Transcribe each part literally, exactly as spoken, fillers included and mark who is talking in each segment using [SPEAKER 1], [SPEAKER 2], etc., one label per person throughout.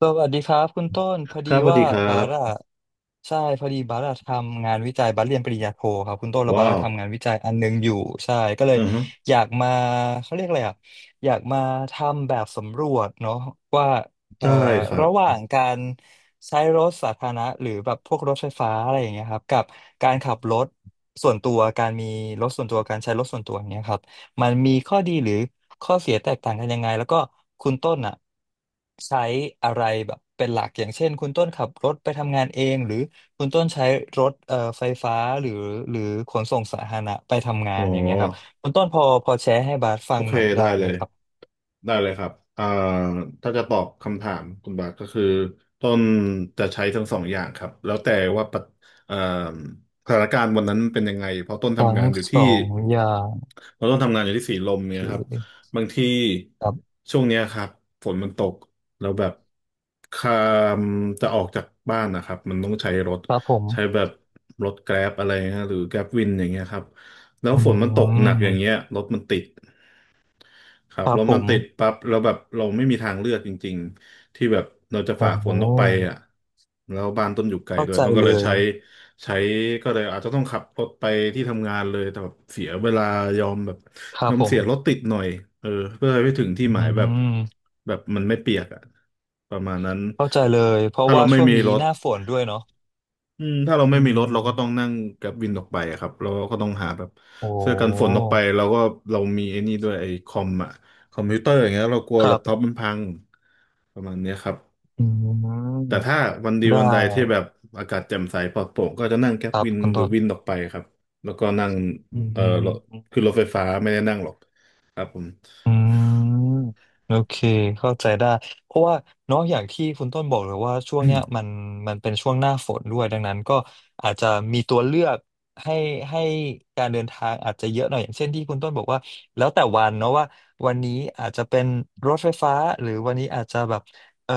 [SPEAKER 1] สวัสดีครับคุณต้นพอ
[SPEAKER 2] ค
[SPEAKER 1] ดี
[SPEAKER 2] รับสวัส
[SPEAKER 1] ว่า
[SPEAKER 2] ดีครั
[SPEAKER 1] บาร่า
[SPEAKER 2] บ
[SPEAKER 1] ใช่พอดีบาร่าทำงานวิจัยบาร่าเรียนปริญญาโทครับคุณต้นแล้วบา
[SPEAKER 2] ว้า
[SPEAKER 1] ร่า
[SPEAKER 2] ว
[SPEAKER 1] ทำงานวิจัยอันหนึงอยู่ใช่ก็เลย
[SPEAKER 2] อือฮึ
[SPEAKER 1] อยากมาเขาเรียกอะไรอ่ะอยากมาทำแบบสำรวจเนาะว่าเอ่อ
[SPEAKER 2] ได้ครับ
[SPEAKER 1] ระหว่างการใช้รถสาธารณะหรือแบบพวกรถไฟฟ้าอะไรอย่างเงี้ยครับกับการขับรถส่วนตัวการมีรถส่วนตัวการใช้รถส่วนตัวอย่างเงี้ยครับ มันมีข้อดีหรือข้อเสียแตกต่างกันยังไงแล้วก็คุณต้นอ่ะใช้อะไรแบบเป็นหลักอย่างเช่นคุณต้นขับรถไปทำงานเองหรือคุณต้นใช้รถเอ่อไฟฟ้าหรือหรือขนส่งสาธารณะไปทำงา
[SPEAKER 2] อ๋
[SPEAKER 1] นอย่างเงี้ยครับ
[SPEAKER 2] อ
[SPEAKER 1] คุณต้นพอพอแชร์ให้บาสฟั
[SPEAKER 2] โอ
[SPEAKER 1] ง
[SPEAKER 2] เค
[SPEAKER 1] หน่อยได้
[SPEAKER 2] ได้เล
[SPEAKER 1] ไหม
[SPEAKER 2] ย
[SPEAKER 1] ครับ
[SPEAKER 2] ได้เลยครับอ่าถ้าจะตอบคำถามคุณบาทก็คือต้นจะใช้ทั้งสองอย่างครับแล้วแต่ว่าปัจเอ่อสถานการณ์วันนั้นเป็นยังไงเพราะต้น
[SPEAKER 1] ทั้
[SPEAKER 2] ทำ
[SPEAKER 1] ง
[SPEAKER 2] งานอยู่
[SPEAKER 1] ส
[SPEAKER 2] ที่
[SPEAKER 1] องอย่าง
[SPEAKER 2] เราต้องทำงานอยู่ที่สีลม
[SPEAKER 1] โอเ
[SPEAKER 2] เนี่ยครับ
[SPEAKER 1] ค
[SPEAKER 2] บางที
[SPEAKER 1] ครับ
[SPEAKER 2] ช่วงเนี้ยครับฝนมันตกแล้วแบบคามจะออกจากบ้านนะครับมันต้องใช้รถ
[SPEAKER 1] ครับผม
[SPEAKER 2] ใช้แบบรถแกร็บอะไรนะหรือแกร็บวินอย่างเงี้ยครับแล้ว
[SPEAKER 1] อื
[SPEAKER 2] ฝนมันตกหนักอย่างเงี้ย
[SPEAKER 1] ม
[SPEAKER 2] รถมันติด ครับ
[SPEAKER 1] ครับ
[SPEAKER 2] แล้ว
[SPEAKER 1] ผ
[SPEAKER 2] มัน
[SPEAKER 1] ม
[SPEAKER 2] ติดปั๊บแล้วแบบเราไม่มีทางเลือกจริงๆ ที่แบบเราจะ
[SPEAKER 1] โอ้
[SPEAKER 2] ฝ่าฝ
[SPEAKER 1] โห
[SPEAKER 2] นออกไปอ่ะแล้วบ้านต้นอยู่ไกล
[SPEAKER 1] เข้า
[SPEAKER 2] ด้วย
[SPEAKER 1] ใจ
[SPEAKER 2] ต้องก็
[SPEAKER 1] เล
[SPEAKER 2] เลย
[SPEAKER 1] ย
[SPEAKER 2] ใช้ใช้ก็เลยอาจจะต้องขับรถไปที่ทำงานเลยแต่แบบเสียเวลายอมแบบ
[SPEAKER 1] ครั
[SPEAKER 2] ย
[SPEAKER 1] บ
[SPEAKER 2] อม
[SPEAKER 1] ผม
[SPEAKER 2] เสียรถติดหน่อยเออเพื่อให้ไปถึงที่ห
[SPEAKER 1] อื
[SPEAKER 2] มายแบบ
[SPEAKER 1] ม
[SPEAKER 2] แบบมันไม่เปียกอ่ะประมาณนั้น
[SPEAKER 1] เข้าใจเลยเพราะ
[SPEAKER 2] ถ้า
[SPEAKER 1] ว่า
[SPEAKER 2] เราไม่
[SPEAKER 1] ช่วง
[SPEAKER 2] มี
[SPEAKER 1] นี้
[SPEAKER 2] รถ
[SPEAKER 1] หน้าฝนด้วยเนาะ
[SPEAKER 2] อืมถ้าเรา
[SPEAKER 1] อื
[SPEAKER 2] ไม่มีรถเราก็ต้อง
[SPEAKER 1] ม
[SPEAKER 2] นั่งแกร็บวินออกไปอะครับเราก็ต้องหาแบบ
[SPEAKER 1] โอ้
[SPEAKER 2] เสื้อกันฝนออกไปเราก็เรามีไอ้นี่ด้วยไอ้คอมอะคอมพิวเตอร์อย่างเงี้ยเรากลัว
[SPEAKER 1] ค
[SPEAKER 2] แล็
[SPEAKER 1] รั
[SPEAKER 2] ปท็อป
[SPEAKER 1] บ
[SPEAKER 2] มันพังประมาณเนี้ยครับ
[SPEAKER 1] อืม
[SPEAKER 2] แต่ถ้าวันดี
[SPEAKER 1] ได้
[SPEAKER 2] วันใดที่แบบอากาศแจ่มใสปลอดโปร่งก็จะนั่งแกร็
[SPEAKER 1] ค
[SPEAKER 2] บ
[SPEAKER 1] รับ
[SPEAKER 2] วิน
[SPEAKER 1] คุณ
[SPEAKER 2] หรือ
[SPEAKER 1] ต้น
[SPEAKER 2] วินออกไปครับแล้วก็นั่ง
[SPEAKER 1] อื
[SPEAKER 2] เอ่อรถ
[SPEAKER 1] ม
[SPEAKER 2] คือรถไฟฟ้าไม่ได้นั่งหรอกครับผม
[SPEAKER 1] อืมโอเคเข้าใจได้เพราะว่าเนอะอย่างที่คุณต้นบอกเลยว่าช่วงเนี้ยมั นมันเป็นช่วงหน้าฝนด้วยดังนั้นก็อาจจะมีตัวเลือกให้ให้การเดินทางอาจจะเยอะหน่อยอย่างเช่นที่คุณต้นบอกว่าแล้วแต่วันเนาะว่าวันนี้อาจจะเป็นรถไฟฟ้าหรือวันนี้อาจจะแบบเอ่อ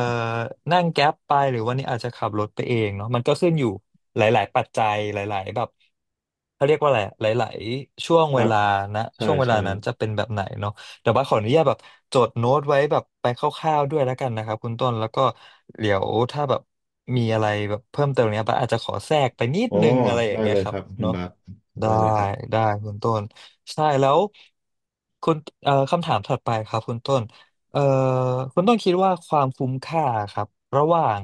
[SPEAKER 1] นั่งแก๊ปไปหรือวันนี้อาจจะขับรถไปเองเนาะมันก็ขึ้นอยู่หลายๆปัจจัยหลายๆแบบเขาเรียกว่าอะไรหลายๆช่วง
[SPEAKER 2] ค
[SPEAKER 1] เว
[SPEAKER 2] รับ
[SPEAKER 1] ลานะ
[SPEAKER 2] ใช่
[SPEAKER 1] ช่วงเวลา
[SPEAKER 2] ใช่
[SPEAKER 1] นั้นจะเป็นแบบไหนเนาะ แต่ว่าขออนุญาตแบบจดโน้ตไว้แบบไปคร่าวๆด้วยแล้วกันนะครับคุณต้นแล้วก็เดี๋ยวถ้าแบบมีอะไรแบบเพิ่มเติมเนี้ยปะอาจจะขอแทรกไปนิด
[SPEAKER 2] อ๋อ
[SPEAKER 1] นึงอะไรอย่า
[SPEAKER 2] ได้
[SPEAKER 1] งเงี้
[SPEAKER 2] เล
[SPEAKER 1] ย
[SPEAKER 2] ย
[SPEAKER 1] ค
[SPEAKER 2] ค
[SPEAKER 1] รับ
[SPEAKER 2] รับคุณ
[SPEAKER 1] เนาะ
[SPEAKER 2] บาส
[SPEAKER 1] ได้
[SPEAKER 2] ได้เลยครับ
[SPEAKER 1] ได้คุณต้นใช่แล้วคุณเอ่อคำถามถัดไปครับคุณต้นเอ่อคุณต้นคิดว่าความคุ้มค่าครับระหว่าง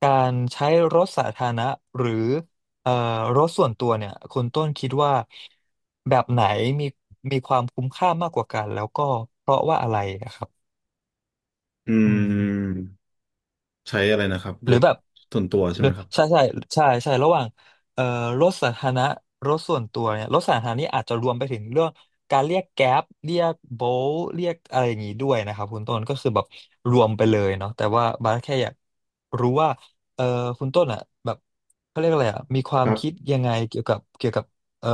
[SPEAKER 1] การใช้รถสาธารณะหรือ เอ่อรถส่วนตัวเนี่ยคุณต้นคิดว่าแบบไหนมีมีความคุ้มค่ามากกว่ากันแล้วก็เพราะว่าอะไรนะครับ
[SPEAKER 2] อื
[SPEAKER 1] อืม
[SPEAKER 2] ม ใช้อะไรนะครับ
[SPEAKER 1] ห
[SPEAKER 2] ร
[SPEAKER 1] รือ
[SPEAKER 2] ถ
[SPEAKER 1] แบบ
[SPEAKER 2] ส่วนตัวใช่
[SPEAKER 1] หรื
[SPEAKER 2] ไห
[SPEAKER 1] อ
[SPEAKER 2] มครับ
[SPEAKER 1] ใช่ใช่ใช่ใช่ระหว่างเอ่อรถสาธารณะรถส่วนตัวเนี่ยรถสาธารณะนี่อาจจะรวมไปถึงเรื่องการเรียกแก๊ปเรียกโบลเรียกอะไรอย่างนี้ด้วยนะครับคุณต้นก็คือแบบรวมไปเลยเนาะแต่ว่าบาสแค่อยากรู้ว่าเอ่อคุณต้นอ่ะแบบเขาเรียกอะไรอ่ะมีค
[SPEAKER 2] ค
[SPEAKER 1] วาม
[SPEAKER 2] รั
[SPEAKER 1] คิด
[SPEAKER 2] บ
[SPEAKER 1] ยังไงเกี่ยวกับเกี่ยวกับเอ่อ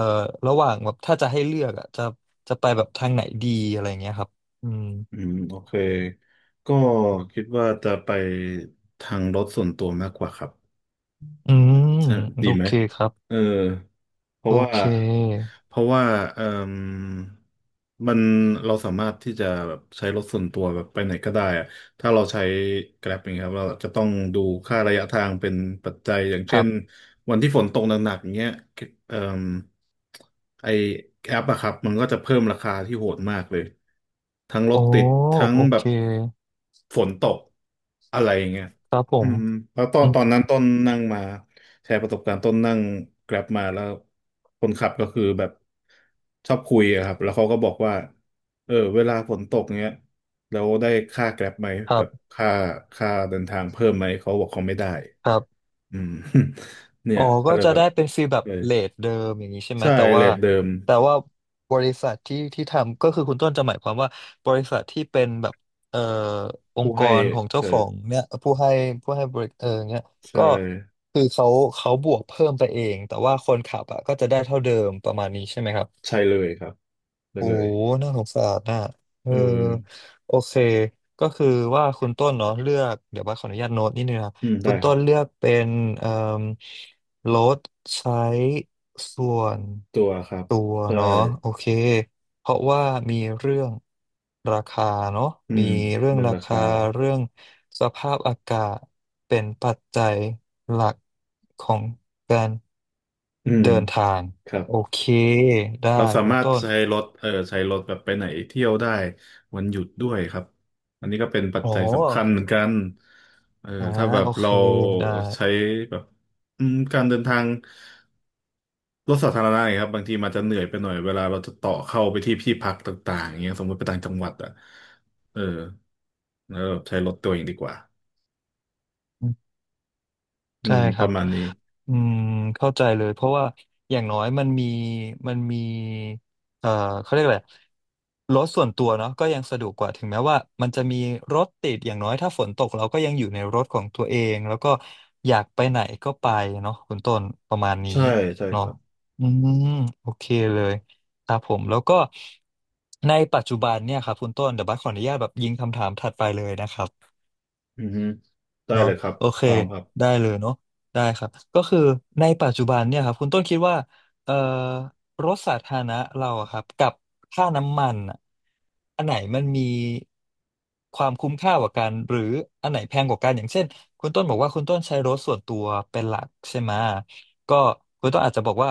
[SPEAKER 1] ระหว่างแบบถ้าจะให้เลือกอ่ะจะจะไปแบบทางไหนดีอะไรอย่างเงี้ยครับอืม
[SPEAKER 2] อืมโอเคก็คิดว่าจะไปทางรถส่วนตัวมากกว่าครับ
[SPEAKER 1] อืม
[SPEAKER 2] ใช่ดี
[SPEAKER 1] โอ
[SPEAKER 2] ไหม
[SPEAKER 1] เคครับ
[SPEAKER 2] เออ เพ
[SPEAKER 1] โอ
[SPEAKER 2] ราะว่า
[SPEAKER 1] เค
[SPEAKER 2] เพราะว่าเอ่มมันเราสามารถที่จะแบบใช้รถส่วนตัวแบบไปไหนก็ได้อะถ้าเราใช้ Grab อย่างเงี้ยครับเราจะต้องดูค่าระยะทางเป็นปัจจัยอย่าง
[SPEAKER 1] ค
[SPEAKER 2] เช่
[SPEAKER 1] รั
[SPEAKER 2] น
[SPEAKER 1] บ
[SPEAKER 2] วันที่ฝนตกหนักๆอย่างเงี้ยเอ่มไอแอปอะครับมันก็จะเพิ่มราคาที่โหดมากเลยทั้งร
[SPEAKER 1] โอ้
[SPEAKER 2] ถติดทั้ง
[SPEAKER 1] โอ
[SPEAKER 2] แบ
[SPEAKER 1] เค
[SPEAKER 2] บฝนตกอะไรอย่างเงี้ย
[SPEAKER 1] ครับผ
[SPEAKER 2] อื
[SPEAKER 1] ม
[SPEAKER 2] มแล้วตอ
[SPEAKER 1] อื
[SPEAKER 2] นตอนนั้น
[SPEAKER 1] ม
[SPEAKER 2] ต้นนั่งมา แชร์ประสบการณ์ต้นนั่งแกร็บมาแล้วคนขับก็คือแบบชอบคุยอะครับแล้วเขาก็บอกว่าเออเวลาฝนตกเนี้ยแล้วได้ค่าแกร็บไหม
[SPEAKER 1] ค
[SPEAKER 2] แบ
[SPEAKER 1] รับ
[SPEAKER 2] บค่าค่าเดินทางเพิ่มไหมเขาบอกเขาไม่ได้
[SPEAKER 1] ครับ
[SPEAKER 2] อืม เนี่
[SPEAKER 1] อ๋
[SPEAKER 2] ย
[SPEAKER 1] อ
[SPEAKER 2] ก็
[SPEAKER 1] ก็
[SPEAKER 2] เลย
[SPEAKER 1] จะ
[SPEAKER 2] แบบ
[SPEAKER 1] ได้เป็นฟีลแบบ
[SPEAKER 2] เออ
[SPEAKER 1] เรทเดิมอย่างนี้ใช่ไหม
[SPEAKER 2] ใช่
[SPEAKER 1] แต่
[SPEAKER 2] เร
[SPEAKER 1] ว่า
[SPEAKER 2] ทเดิม
[SPEAKER 1] แต่ว่าบริษัทที่ที่ทำก็คือคุณต้นจะหมายความว่าบริษัทที่เป็นแบบเอ่ออง
[SPEAKER 2] ผู้
[SPEAKER 1] ค์ก
[SPEAKER 2] ให้
[SPEAKER 1] รของเจ้า
[SPEAKER 2] ใช่
[SPEAKER 1] ของเนี่ยผู้ให้ผู้ให้บริเออเนี่ย
[SPEAKER 2] ใช่
[SPEAKER 1] ก็คือเขาเขาบวกเพิ่มไปเองแต่ว่าคนขับอ่ะก็จะได้เท่าเดิมประมาณนี้ใช่ไหมครับ
[SPEAKER 2] ใช่เลยครับได้
[SPEAKER 1] โอ้
[SPEAKER 2] เล
[SPEAKER 1] โห
[SPEAKER 2] ย
[SPEAKER 1] น่าสงสารน่ะเออ
[SPEAKER 2] เออ
[SPEAKER 1] โอเค ก็คือว่าคุณต้นเนาะเลือกเดี๋ยวบัสขออนุญาตโน้ตนิดนึงนะครับ
[SPEAKER 2] อืมได้
[SPEAKER 1] คุณ
[SPEAKER 2] ค
[SPEAKER 1] ต้
[SPEAKER 2] รับ
[SPEAKER 1] นเลือกเป็นเอ่อลดใช้ส่วน
[SPEAKER 2] ตัวครับ
[SPEAKER 1] ตัว
[SPEAKER 2] ใช่
[SPEAKER 1] เนาะโอเคเพราะว่ามีเรื่องราคาเนาะ
[SPEAKER 2] อื
[SPEAKER 1] มี
[SPEAKER 2] ม
[SPEAKER 1] เรื่อง
[SPEAKER 2] เรื่อง
[SPEAKER 1] รา
[SPEAKER 2] รา
[SPEAKER 1] คา
[SPEAKER 2] คา
[SPEAKER 1] เรื่องสภาพอากาศเป็นปัจจัยหลักของการ
[SPEAKER 2] อืม
[SPEAKER 1] เดินทาง
[SPEAKER 2] ครับ
[SPEAKER 1] โอเคได้
[SPEAKER 2] เราสา
[SPEAKER 1] คุณ
[SPEAKER 2] มารถ
[SPEAKER 1] ต้น
[SPEAKER 2] ใช้รถเออใช้รถแบบไปไหนเที่ยวได้วันหยุดด้วยครับอันนี้ก็เป็นปัจ
[SPEAKER 1] โอ
[SPEAKER 2] จัยสำคัญเห
[SPEAKER 1] ้
[SPEAKER 2] มือนกันเออ
[SPEAKER 1] อ่า
[SPEAKER 2] ถ้าแบบ
[SPEAKER 1] โอเค
[SPEAKER 2] เรา
[SPEAKER 1] ได้
[SPEAKER 2] ใช้แบบอืมการเดินทางรถสาธารณะเนี่ยครับบางทีมันจะเหนื่อยไปหน่อยเวลาเราจะต่อเข้าไปที่ที่พักต่างๆอย่างเงี้ยสมมติไปต่างจังหวัดอ่ะเออแล้วใช้รถตัวเองดีกว่าอื
[SPEAKER 1] ใช่
[SPEAKER 2] ม
[SPEAKER 1] ค
[SPEAKER 2] ป
[SPEAKER 1] รั
[SPEAKER 2] ระ
[SPEAKER 1] บ
[SPEAKER 2] มาณนี้
[SPEAKER 1] อืมเข้าใจเลยเพราะว่า อย่างน้อยมันมีมันมี เอ่อ เขาเรียกอะไรรถส่วนตัวเนาะก็ยังสะดวกกว่าถึงแม้ว่ามันจะมีรถติด อย่างน้อยถ้าฝนตกเราก็ยังอยู่ในรถของตัวเอง แล้วก็อยากไปไหนก็ไปเนาะคุณต้นประมาณนี้
[SPEAKER 2] ใช่ใช่ค
[SPEAKER 1] เนาะ
[SPEAKER 2] รับ
[SPEAKER 1] อืมโอเคเลยครับผม แล้วก็ในปัจจุบันเนี่ยครับคุณต้นเดี๋ยวบัสขออนุญาตแบบยิงคำถามถัดไปเลยนะครับ
[SPEAKER 2] อือฮึได้
[SPEAKER 1] เนาะ
[SPEAKER 2] เลยครับ
[SPEAKER 1] โอเค
[SPEAKER 2] พร้อมครับ
[SPEAKER 1] ได้เลยเนาะได้ครับก็คือในปัจจุบันเนี่ยครับคุณต้นคิดว่าเอ่อรถสาธารณะเราอะครับกับค่าน้ำมันอะอันไหนมันมีความคุ้มค่ากว่ากันหรืออันไหนแพงกว่ากันอย่างเช่นคุณต้นบอกว่าคุณต้นใช้รถส่วนตัวเป็นหลักใช่ไหมก็คุณต้นอาจจะบอกว่า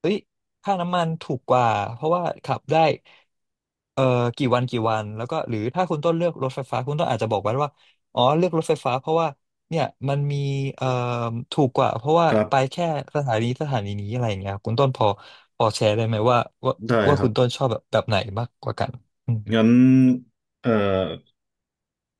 [SPEAKER 1] เฮ้ยค่าน้ำมันถูกกว่าเพราะว่าขับได้เอ่อกี่วันกี่วันแล้วก็หรือถ้าคุณต้นเลือกรถไฟฟ้าคุณต้นอาจจะบอกไว้ว่า อ๋อเลือกรถไฟฟ้าเพราะว่าเนี่ยมันมีเอ่อถูกกว่าเพราะว่า
[SPEAKER 2] ครั
[SPEAKER 1] ไป
[SPEAKER 2] บ
[SPEAKER 1] แค่สถานีสถานีนี้อะไรอย่างเงี้ยครับคุณต้นพอพอแชร์ได้ไหมว่าว่า
[SPEAKER 2] ได้
[SPEAKER 1] ว่า
[SPEAKER 2] ครั
[SPEAKER 1] คุ
[SPEAKER 2] บ
[SPEAKER 1] ณต้นชอบแบบแบบไหนมากกว่ากันอืม
[SPEAKER 2] งั้นเอ่อ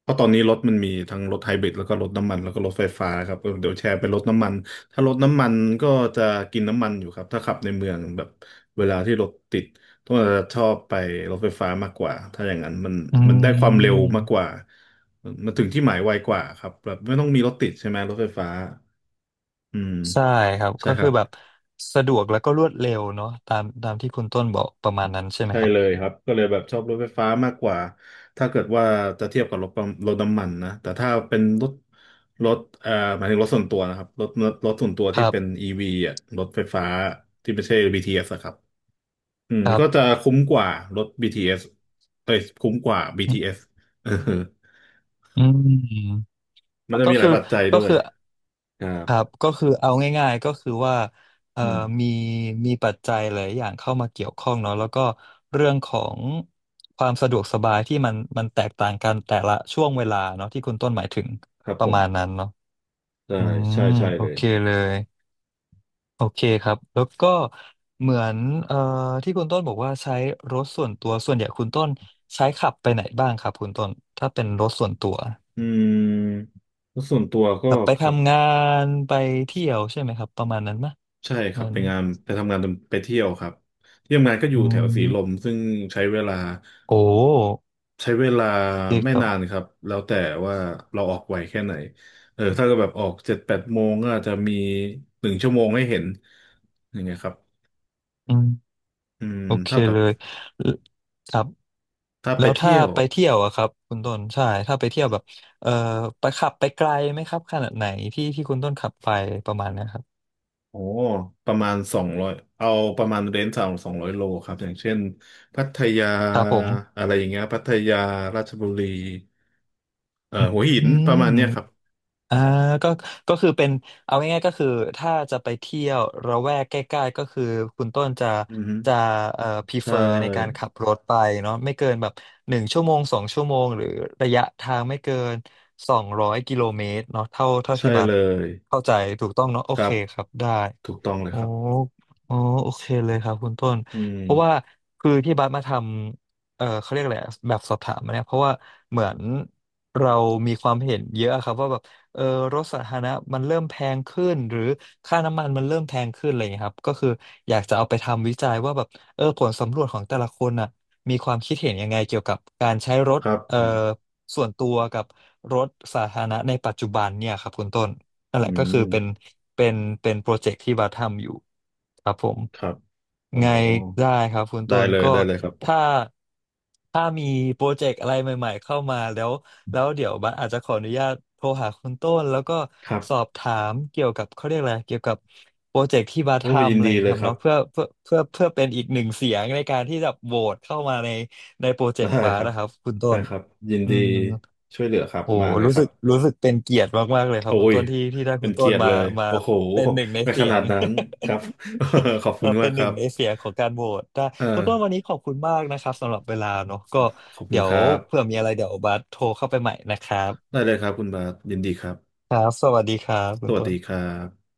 [SPEAKER 2] เพราะตอนนี้รถมันมีทั้งรถไฮบริดแล้วก็รถน้ำมันแล้วก็รถไฟฟ้าครับเออเดี๋ยวแชร์เป็นรถน้ำมันถ้ารถน้ำมันก็จะกินน้ำมันอยู่ครับถ้าขับในเมืองแบบเวลาที่รถติดต้องจะชอบไปรถไฟฟ้ามากกว่าถ้าอย่างนั้นมัน
[SPEAKER 1] อื
[SPEAKER 2] มันได้ความเร็วมากก
[SPEAKER 1] ม
[SPEAKER 2] ว่ามันถึงที่หมายไวกว่าครับแบบไม่ต้องมีรถติดใช่ไหมรถไฟฟ้าอืม
[SPEAKER 1] ใช่ครับ
[SPEAKER 2] ใช่
[SPEAKER 1] ก็
[SPEAKER 2] ค
[SPEAKER 1] คื
[SPEAKER 2] รั
[SPEAKER 1] อ
[SPEAKER 2] บ
[SPEAKER 1] แบบสะดวกแล้วก็รวดเร็วเนาะตามตามที่คุณต้นบอกประมาณนั้นใช่ไหม
[SPEAKER 2] ใช่
[SPEAKER 1] ครับ
[SPEAKER 2] เลยครับก็เลยแบบชอบรถไฟฟ้ามากกว่าถ้าเกิดว่าจะเทียบกับรถปั๊มรถน้ำมันนะแต่ถ้าเป็นรถรถเอ่อหมายถึงรถส่วนตัวนะครับรถรถรถส่วนตัว
[SPEAKER 1] ค
[SPEAKER 2] ที่
[SPEAKER 1] รั
[SPEAKER 2] เป็น
[SPEAKER 1] บ
[SPEAKER 2] อี วี อ่ะรถไฟฟ้าที่ไม่ใช่บีท t s อสอะครับอืม
[SPEAKER 1] ครั
[SPEAKER 2] ก็จะ
[SPEAKER 1] บ
[SPEAKER 2] คุ้มกว่ารถบีท s เอสเอ้ยคุ้มกว่า บี ที เอส เอสเออ
[SPEAKER 1] อืม
[SPEAKER 2] มันจะ
[SPEAKER 1] ก็
[SPEAKER 2] มีหลา
[SPEAKER 1] คือ
[SPEAKER 2] ยปัจจัย
[SPEAKER 1] ก็
[SPEAKER 2] ด้วย
[SPEAKER 1] คือ
[SPEAKER 2] ครั
[SPEAKER 1] ค
[SPEAKER 2] บ
[SPEAKER 1] รับก็คือเอาง่ายๆก็คือว่าเอ่อ
[SPEAKER 2] อืม
[SPEAKER 1] มีมีปัจจัยหลายอย่างเข้ามาเกี่ยวข้องเนาะแล้วก็เรื่องของความสะดวกสบายที่มันมันแตกต่างกันแต่ละช่วงเวลาเนาะที่คุณต้นหมายถึง
[SPEAKER 2] ครับ
[SPEAKER 1] ป
[SPEAKER 2] ผ
[SPEAKER 1] ระ
[SPEAKER 2] ม
[SPEAKER 1] มาณนั้นเนาะ
[SPEAKER 2] ใช่
[SPEAKER 1] อืม
[SPEAKER 2] ใช่ใช่
[SPEAKER 1] โอ
[SPEAKER 2] เลย
[SPEAKER 1] เคเลยโอเคครับแล้วก็เหมือนเอ่อที่คุณต้นบอกว่าใช้รถส่วนตัวส่วนใหญ่คุณต้นใช้ขับไปไหนบ้างครับคุณต้นถ้าเป็นรถส่วนตัว
[SPEAKER 2] อืมแล้วส่วนตัวก็
[SPEAKER 1] แบบไป
[SPEAKER 2] ครับ
[SPEAKER 1] ทำงานไปเที่ยวใช่ไหมครับประมาณนั้นมะ
[SPEAKER 2] ใช่ครั
[SPEAKER 1] มั
[SPEAKER 2] บไป
[SPEAKER 1] น
[SPEAKER 2] งานไปทำงานไปเที่ยวครับที่ทำงานก็อ
[SPEAKER 1] อื
[SPEAKER 2] ยู่แถ
[SPEAKER 1] ม
[SPEAKER 2] วสีลมซึ่งใช้เวลา
[SPEAKER 1] โอ้
[SPEAKER 2] ใช้เวลา
[SPEAKER 1] โอเค
[SPEAKER 2] ไม่
[SPEAKER 1] ครับ
[SPEAKER 2] นานครับแล้วแต่ว่าเราออกไวแค่ไหนเออถ้าก็แบบออกเจ็ดแปดโมงก็อาจจะมีหนึ่งชั่วโมงให้เห็นอย่างเงี้ยครับ
[SPEAKER 1] อืม
[SPEAKER 2] อืม
[SPEAKER 1] โอเค
[SPEAKER 2] ถ้าแบ
[SPEAKER 1] เล
[SPEAKER 2] บ
[SPEAKER 1] ยลครับ
[SPEAKER 2] ถ้าไป
[SPEAKER 1] แล้วถ้า
[SPEAKER 2] เที่ยว
[SPEAKER 1] ไปเที่ยวอะครับคุณต้นใช่ถ้าไปเที่ยวแบบเอ่อไปขับไปไกลไหมครับขนาดไหนที่ที่คุณต้นขับไปประมาณเนะครับ
[SPEAKER 2] โอ้ประมาณสองร้อยเอาประมาณเรนจ์สามสองร้อยโลครับอย่างเช่นพัทยา
[SPEAKER 1] ครับผม
[SPEAKER 2] อะไรอย่างเงี้ยพัทยาราชบุรีเอ่อหัว
[SPEAKER 1] อื
[SPEAKER 2] หินประ
[SPEAKER 1] ม
[SPEAKER 2] มาณเนี้ยครับ
[SPEAKER 1] อ่าก็ก็คือเป็นเอาง่ายๆก็คือถ้าจะไปเที่ยวระแวกใกล้ๆก็คือคุณต้นจะ
[SPEAKER 2] อือฮึ
[SPEAKER 1] จะเอ่อพรีเฟ
[SPEAKER 2] ใช่
[SPEAKER 1] อร์ในการขับรถไปเนาะไม่เกินแบบหนึ่งชั่วโมงสองชั่วโมงหรือระยะทางไม่เกินสองร้อยกิโลเมตรเนาะเท่าเท่า
[SPEAKER 2] ใช่
[SPEAKER 1] ที่บั
[SPEAKER 2] เล
[SPEAKER 1] ตร
[SPEAKER 2] ย
[SPEAKER 1] เข้าใจถูกต้องเนาะโอ
[SPEAKER 2] ครั
[SPEAKER 1] เค
[SPEAKER 2] บ
[SPEAKER 1] ครับได้
[SPEAKER 2] ถูกต้องเลย
[SPEAKER 1] อ๋อ
[SPEAKER 2] ครับ
[SPEAKER 1] อ๋อโอเคเลยครับคุณต้น
[SPEAKER 2] อื
[SPEAKER 1] เพราะว่า
[SPEAKER 2] ม
[SPEAKER 1] คือที่บัสมาทำเออเขาเรียกอะไรอะแบบสอบถามมาเนี่ยเพราะว่าเหมือนเรามีความเห็นเยอะครับว่าแบบเออรถสาธารณะมันเริ่มแพงขึ้นหรือค่าน้ำมันมันเริ่มแพงขึ้นอะไรอย่างเงี้ยครับก็คืออยากจะเอาไปทำวิจัยว่าแบบเออผลสำรวจของแต่ละคนน่ะมีความคิดเห็นยังไงเกี่ยวกับการใช้รถ
[SPEAKER 2] ครับ
[SPEAKER 1] เอ
[SPEAKER 2] ผ
[SPEAKER 1] อ
[SPEAKER 2] ม
[SPEAKER 1] ส่วนตัวกับรถสาธารณะในปัจจุบันเนี่ยครับคุณต้น นั่น
[SPEAKER 2] อื
[SPEAKER 1] แหละก็คือเป็น
[SPEAKER 2] ม
[SPEAKER 1] เป็นเป็นโปรเจกต์ที่บัสทำอยู่ครับผม
[SPEAKER 2] ครับอ๋อ
[SPEAKER 1] ไงได้ครับคุณต้
[SPEAKER 2] ได้
[SPEAKER 1] น
[SPEAKER 2] เลย
[SPEAKER 1] ก็
[SPEAKER 2] ได้เลยครับ
[SPEAKER 1] ถ้าถ้ามีโปรเจกต์อะไรใหม่ๆเข้ามาแล้วแล้วเดี๋ยวบัสอาจจะขออนุญาตโทรหาคุณต้นแล้วก็
[SPEAKER 2] ครับ
[SPEAKER 1] สอบถามเกี่ยวกับเขาเรียกอะไรเกี่ยวกับโปรเจกต์ที่บัส
[SPEAKER 2] โอ้ยิ
[SPEAKER 1] ทำ
[SPEAKER 2] น
[SPEAKER 1] อะไรอ
[SPEAKER 2] ดี
[SPEAKER 1] ย่างเงี้
[SPEAKER 2] เล
[SPEAKER 1] ยค
[SPEAKER 2] ย
[SPEAKER 1] รับ
[SPEAKER 2] ครับ
[SPEAKER 1] เนาะเพื่อเพื่อเพื่อเพื่อเป็นอีกหนึ่งเสียงในการที่จะโหวตเข้ามาในในโปรเจก
[SPEAKER 2] ได้
[SPEAKER 1] ต์บั
[SPEAKER 2] ค
[SPEAKER 1] ส
[SPEAKER 2] รับ
[SPEAKER 1] นะครับคุณต้
[SPEAKER 2] ได้
[SPEAKER 1] น
[SPEAKER 2] ครับยิน
[SPEAKER 1] อื
[SPEAKER 2] ดี
[SPEAKER 1] ม
[SPEAKER 2] ช่วยเหลือครับ
[SPEAKER 1] โอ้
[SPEAKER 2] มาเลย
[SPEAKER 1] รู้
[SPEAKER 2] ค
[SPEAKER 1] สึ
[SPEAKER 2] รับ
[SPEAKER 1] กรู้สึกเป็นเกียรติมากๆเลยครับ
[SPEAKER 2] โอ้
[SPEAKER 1] คุณ
[SPEAKER 2] ย
[SPEAKER 1] ต้นที่ที่ได้
[SPEAKER 2] เป็
[SPEAKER 1] คุ
[SPEAKER 2] น
[SPEAKER 1] ณต้
[SPEAKER 2] เกี
[SPEAKER 1] น
[SPEAKER 2] ยรติ
[SPEAKER 1] มา
[SPEAKER 2] เลย
[SPEAKER 1] มา
[SPEAKER 2] โอ้โห
[SPEAKER 1] เป็นหนึ่งใน
[SPEAKER 2] ไม่
[SPEAKER 1] เสี
[SPEAKER 2] ข
[SPEAKER 1] ย
[SPEAKER 2] นา
[SPEAKER 1] ง
[SPEAKER 2] ดนั้นครับ ขอบคุณ
[SPEAKER 1] มาเป็
[SPEAKER 2] มาก
[SPEAKER 1] นห
[SPEAKER 2] ค
[SPEAKER 1] นึ่
[SPEAKER 2] รั
[SPEAKER 1] ง
[SPEAKER 2] บ
[SPEAKER 1] ในเสียงของการโหวตได้
[SPEAKER 2] เออ
[SPEAKER 1] คุณต้นวันนี้ขอบคุณมากนะครับสำหรับเวลาเนอะก็
[SPEAKER 2] ขอบคุ
[SPEAKER 1] เดี๋
[SPEAKER 2] ณ
[SPEAKER 1] ย
[SPEAKER 2] ค
[SPEAKER 1] ว
[SPEAKER 2] รับ
[SPEAKER 1] เผื่อมีอะไรเดี๋ยวบัสโทรเข้าไปใหม่นะครับ
[SPEAKER 2] ได้เลยครับคุณบาทยินดีครับ
[SPEAKER 1] ครับสวัสดีครับคุ
[SPEAKER 2] ส
[SPEAKER 1] ณ
[SPEAKER 2] วัส
[SPEAKER 1] ต้
[SPEAKER 2] ดีค
[SPEAKER 1] น
[SPEAKER 2] รับ